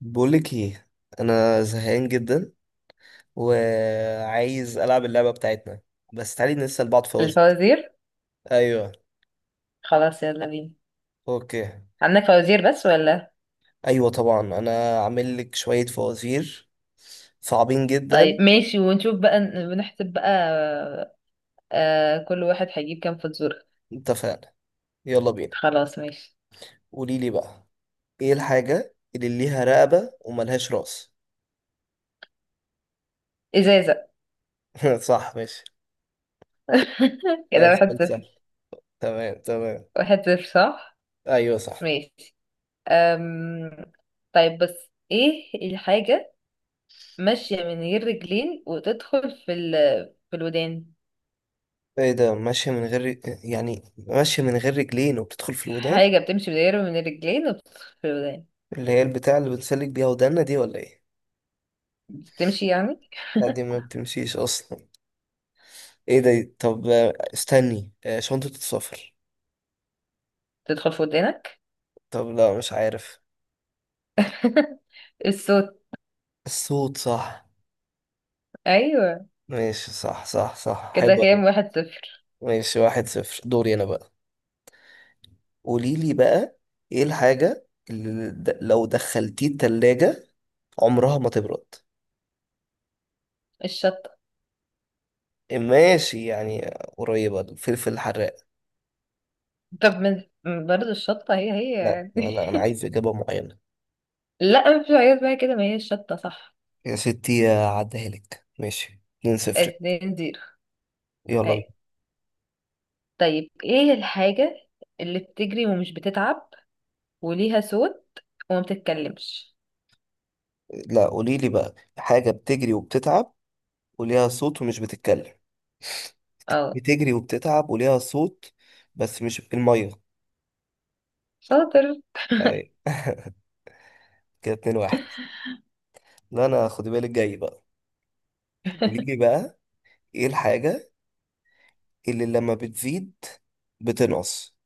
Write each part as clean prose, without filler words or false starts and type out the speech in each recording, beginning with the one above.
بقولك ايه؟ انا زهقان جدا وعايز العب اللعبه بتاعتنا بس تعالي نسال بعض فوازير. الفوازير. ايوه. خلاص يلا بينا. اوكي. عندك فوازير بس ولا؟ ايوه طبعا، انا عامل لك شويه فوازير صعبين جدا. طيب ماشي، ونشوف بقى، بنحسب بقى. آه، كل واحد هيجيب كام فزورة؟ اتفقنا، يلا بينا. خلاص ماشي. قولي لي بقى، ايه الحاجه اللي ليها رقبه وملهاش راس؟ إزازة. صح ماشي. ده كده واحد سؤال سهل. صفر تمام تمام. واحد صفر صح. ايوه صح. ماشي. أم... طيب، بس ايه الحاجة ماشية من غير رجلين وتدخل في في الودان؟ ايه ده؟ ماشيه من غير يعني ماشيه من غير رجلين وبتدخل في الودان. حاجة بتمشي من غير الرجلين وبتدخل في الودان. اللي هي البتاع اللي بنسلك بيها ودانا دي ولا ايه؟ بتمشي يعني لا دي ما بتمشيش اصلا. ايه ده؟ طب استني، شنطة السفر. تدخل في ودانك. طب لا، مش عارف. الصوت. الصوت، صح ايوه ماشي. صح صح صح، حلو كده أوي. كام؟ 1-0. ماشي 1-0، دوري انا بقى. قولي لي بقى، ايه الحاجة اللي لو دخلتيه التلاجة عمرها ما تبرد؟ الشطة. ماشي يعني، قريبة الفلفل الحراق. طب من، برضه الشطة هي هي لا يعني. لا، انا عايز اجابة معينة. لا مش عايز بقى كده، ما هي الشطة صح. يا ستي عديها لك ماشي 2-0. 2-0. يلا بينا. هاي. طيب ايه الحاجة اللي بتجري ومش بتتعب وليها صوت وما بتتكلمش؟ لا، قولي لي بقى، حاجة بتجري وبتتعب وليها صوت ومش بتتكلم. اه. بتجري وبتتعب وليها صوت، بس مش المية. شاطر. أي، كده 2-1. لا، انا خدي بالك جاي بقى. قوليلي بقى، ايه الحاجة اللي لما بتزيد بتنقص؟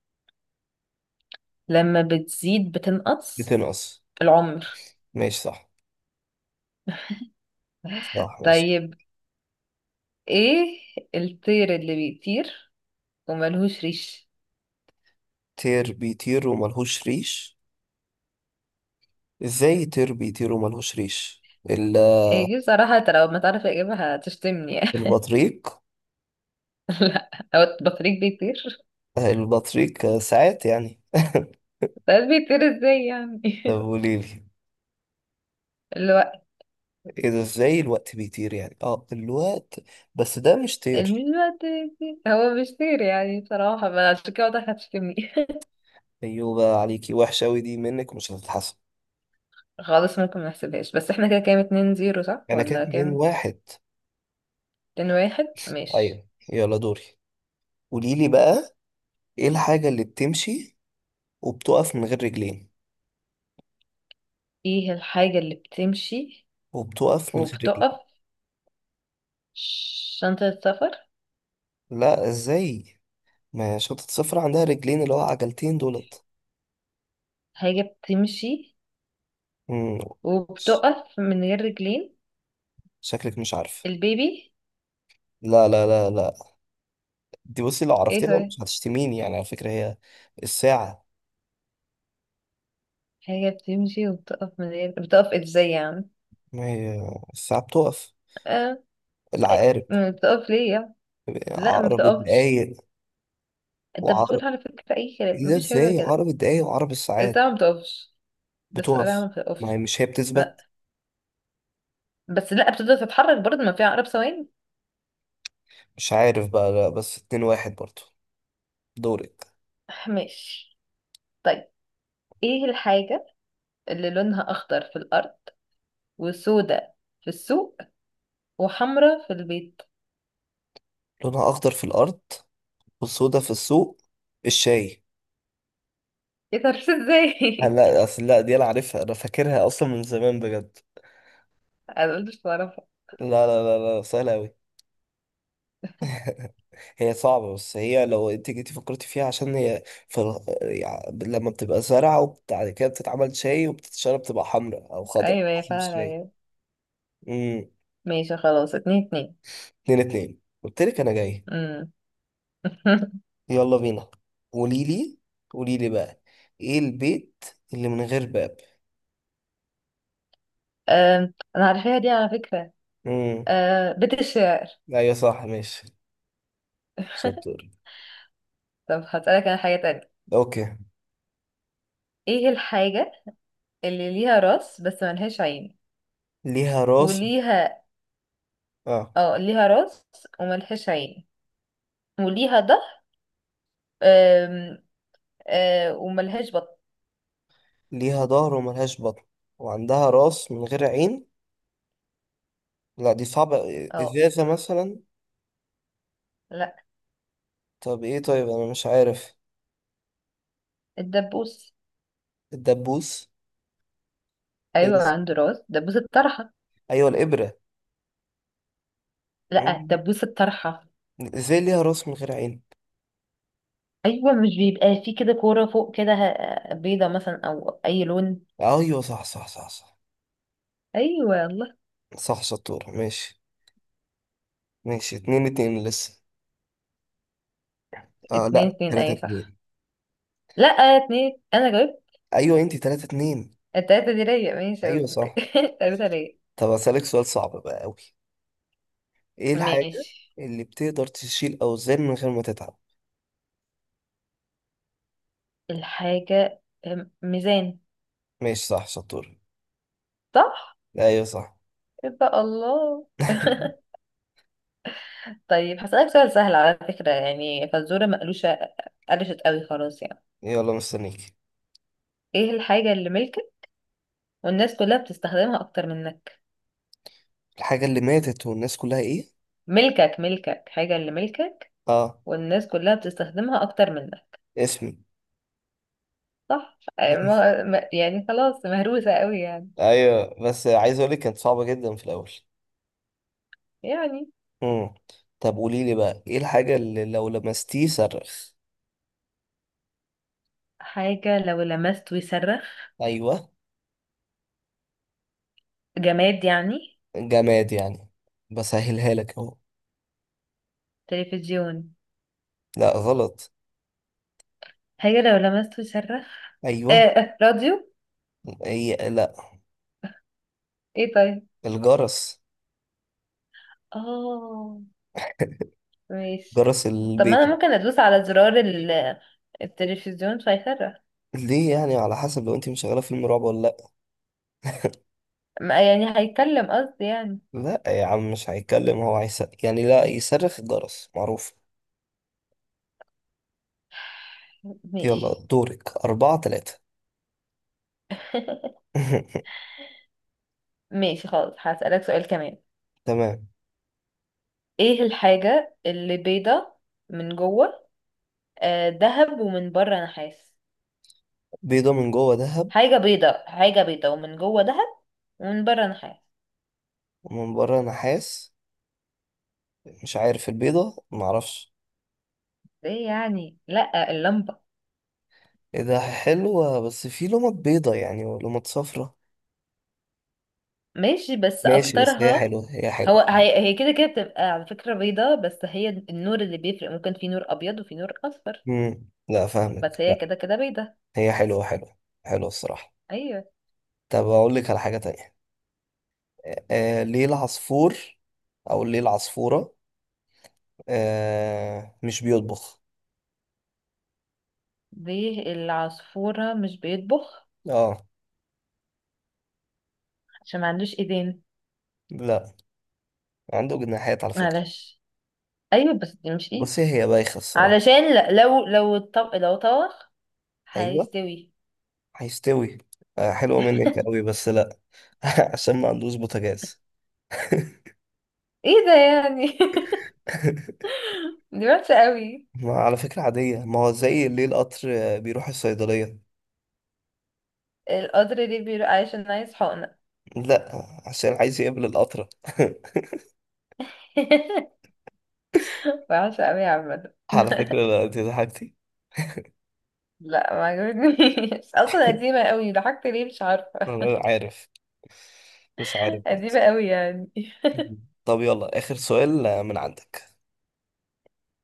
لما بتزيد بتنقص، بتنقص. العمر. ماشي صح. صح ماشي. طيب، ايه الطير اللي بيطير وملهوش ريش؟ طير بيطير وملهوش ريش؟ ازاي طير بيطير وملهوش ريش؟ ايه دي بصراحة، انت لو ما تعرف اجيبها هتشتمني يعني البطريق؟ لا. هو البطريق بيطير؟ البطريق ساعات يعني. ساعات بيطير ازاي يعني؟ طب قوليلي. الوقت. ايه ده؟ ازاي الوقت بيطير يعني؟ اه الوقت، بس ده مش طير. الوقت، هو مش طير يعني، بصراحة، ما عشان كده واضح هتشتمني ايوه بقى، عليكي وحشة اوي دي منك، مش هتتحسن. خالص ممكن ما نحسبهاش، بس احنا كده كام؟ 2-0 صح انا كانت ولا اتنين كام؟ واحد 2-1 ماشي. ايوه يلا دوري. قوليلي بقى، ايه الحاجة اللي بتمشي وبتقف من غير رجلين؟ ايه الحاجة اللي بتمشي وبتقف من غير رجلين. وبتقف؟ شنطة السفر. لا ازاي؟ ما شنطة السفر عندها رجلين اللي هو عجلتين دولت. حاجة بتمشي مم. ش- وبتقف من غير رجلين. شكلك مش عارف. البيبي. لا لا لا لا، دي بصي لو ايه عرفتيها طيب؟ مش هتشتميني يعني، على فكرة هي الساعة. حاجة بتمشي وبتقف من غير، بتقف ازاي يعني؟ ما هي الساعة بتقف، اه، العقارب، ما بتقف ليه يعني. لا ما عقرب بتقفش. الدقايق انت بتقول وعقرب على فكرة اي كلام، ايه ده؟ مفيش حاجة زي ازاي كده. عقرب الدقايق وعقرب الساعات الساعة ما بتقفش. بس لا بتقف؟ ما ما هي مش بتقفش. هي لا. بتثبت. بس لا، بتبدأ تتحرك برضه، ما فيها عقرب ثواني. مش عارف بقى. لا بس 2-1 برضو، دورك. ماشي. طيب، ايه الحاجة اللي لونها اخضر في الارض وسودة في السوق وحمرة في البيت؟ لونها اخضر في الارض وسودا في السوق؟ الشاي. ايه ده عرفت ازاي؟ لا اصل، لا دي انا عارفها، انا فاكرها اصلا من زمان بجد. انا قلت مش بعرفها. لا لا لا لا، سهله قوي. هي صعبه بس هي لو انت جيتي فكرتي فيها عشان هي في ال- يعني لما بتبقى زرعه وبعد كده بتتعمل شاي وبتتشرب بتبقى حمراء او خضراء ايوه يا، حسب فعلا الشاي. يا. ماشي خلاص 2-2. 2-2، قلت لك انا جاي. امم يلا بينا، قولي لي، قولي لي بقى، ايه البيت اللي من غير باب؟ انا عارفاها دي على فكرة. امم، أه، بيت الشعر. ايوه صح ماشي شطور. طب هسألك انا حاجة تانية. اوكي. ايه الحاجة اللي ليها راس بس ملهاش عين ليها راس، وليها... اه اه، ليها راس وملهاش عين وليها ظهر، آم، آه، وملهاش بطن. ليها ظهر وملهاش بطن وعندها راس من غير عين؟ لا دي صعبة. اه. ازازة مثلا؟ لا. طب ايه؟ طيب انا مش عارف. الدبوس. الدبوس؟ ايه ده؟ ايوه، عنده راس، دبوس الطرحه. ايوه الابرة. لا، مم. دبوس الطرحه. ازاي ليها راس من غير عين؟ ايوه، مش بيبقى فيه كده كوره فوق كده بيضه مثلا او اي لون. ايوه صح صح صح صح. ايوه الله. صح شطور ماشي. ماشي 2-2 لسه. اه اتنين لا، اتنين 3 اي صح. 2 لا اتنين، انا جاوبت. ايوه انت 3-2. التلاته دي ليا ماشي ايوه اوكي. صح. التلاته ليا. طب اسالك سؤال صعب بقى قوي. ايه الحاجه ماشي. اللي بتقدر تشيل اوزان من غير ما تتعب؟ الحاجه ميزان. ماشي صح شطور. صح. ايوه صح. يبقى الله. طيب هسألك سؤال سهل على فكرة يعني، فالزورة مقلوشة قلشت قوي خلاص يعني. يلا مستنيك. ايه الحاجة اللي ملكك والناس كلها بتستخدمها أكتر منك؟ الحاجه اللي ماتت والناس كلها ايه؟ ملكك، ملكك، حاجة اللي ملكك، اه، والناس كلها بتستخدمها أكتر منك. اسمي. صح. يعني خلاص مهروسة قوي يعني. ايوه بس عايز اقول لك كانت صعبه جدا في الاول. يعني. امم طب قولي لي بقى، ايه الحاجه اللي لو لمستيه صرخ؟ حاجة لو لمست ويصرخ، ايوه. جماد يعني. جماد يعني. بسهلها لك اهو. تلفزيون. لا غلط. حاجة لو لمست ويصرخ. ايوه راديو. هي. ايه طيب؟ الجرس، اه، ماشي. جرس طب ما انا البيت. ممكن ادوس على زرار التلفزيون فيفرق. ليه يعني؟ على حسب، لو انت مشغله فيلم رعب ولا لا. يعني هيتكلم قصدي يعني. لا يا عم مش هيتكلم، هو هيس يعني، لا يصرخ، الجرس معروف. ماشي. يلا دورك، 4-3. ماشي خالص، هسألك سؤال كمان. تمام. ايه الحاجة اللي بيضة من جوه دهب ومن بره نحاس؟ بيضة من جوه ذهب حاجة بيضة، حاجة بيضة ومن جوه دهب ومن بره نحاس. ومن بره نحاس؟ مش عارف البيضة، معرفش. ايه يعني؟ لا، اللمبة. ايه ده، حلوة بس في لمط بيضة يعني ولمط صفرة. ماشي بس ماشي بس هي اكترها. حلوة، هي هو حلوة. هي هي كده كده بتبقى على فكرة بيضة، بس هي النور اللي بيفرق، ممكن في نور ابيض وفي نور اصفر. مم. لا بس فاهمك، هي لا. كده كده بيضة. هي حلوة حلوة، حلوة الصراحة. ايوه. طب أقول لك على حاجة تانية. ليه العصفور، او ليه العصفورة مش بيطبخ؟ دي العصفورة مش بيطبخ اه. عشان ما عندوش ايدين. لا، عنده جناحات على فكرة. معلش. ايوه بس دي مش ايد. بصي هي بايخة الصراحة. علشان لو الطبق لو طبخ ايوه هيستوي. هيستوي. آه حلوة منك قوي بس لا. عشان ما عندوش بوتاجاز. ايه ده يعني؟ دي وحشة قوي. ما على فكرة عادية، ما هو زي ليه القطر بيروح الصيدلية؟ القدر دي بيقول عشان عايز حقنة. لا، عشان عايز يقابل القطرة. وحشة قوي عامة. على فكرة لا، انت ضحكتي. لا ما عجبتنيش اصلا، قديمة قوي. ضحكت ليه مش عارفة. انا عارف، مش عارف برضه. قديمة قوي يعني. طب يلا آخر سؤال من عندك.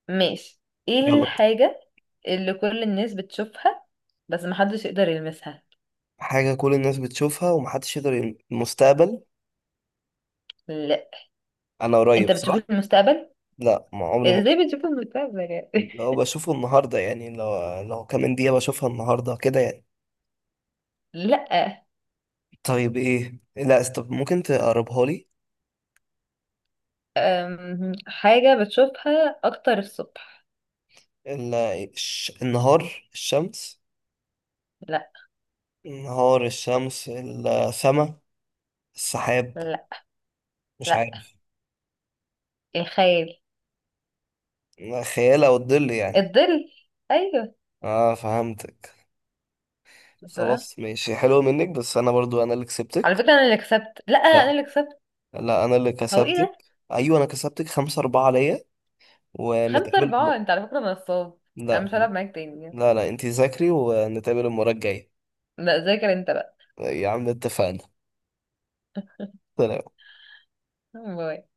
ماشي. ايه يلا بينا. الحاجة اللي كل الناس بتشوفها بس محدش يقدر يلمسها؟ حاجة كل الناس بتشوفها ومحدش يقدر المستقبل؟ لا، أنا قريب انت بتشوف صح؟ المستقبل؟ لا ما عمري ما ازاي قريب. بتشوف المستقبل يعني؟ لو بشوفه النهاردة يعني، لو كمان دقيقة بشوفها النهاردة كده يعني. لا. طيب إيه؟ لا طب ممكن تقربها لي. حاجة بتشوفها اكتر الصبح. النهار الشمس. لا. النهار الشمس السما، السحاب. لا. مش لا. عارف. الخيال. خيال أو الظل يعني. الظل. ايوه. اه فهمتك. مش بقى. خلاص ماشي، حلو منك، بس أنا برضو أنا اللي على كسبتك. فكرة انا اللي كسبت، لا انا اللي كسبت. لا انا اللي هو ايه ده؟ كسبتك. ايوه انا كسبتك، 5-4 ليا. خمسة ونتقابل اربعة انت على فكرة نصاب. انا لا مش هلعب معاك تاني يعني. لا لا، انتي ذاكري ونتقابل المرة الجاية. لا، ذاكر انت بقى. يا عم اتفقنا، سلام. باي.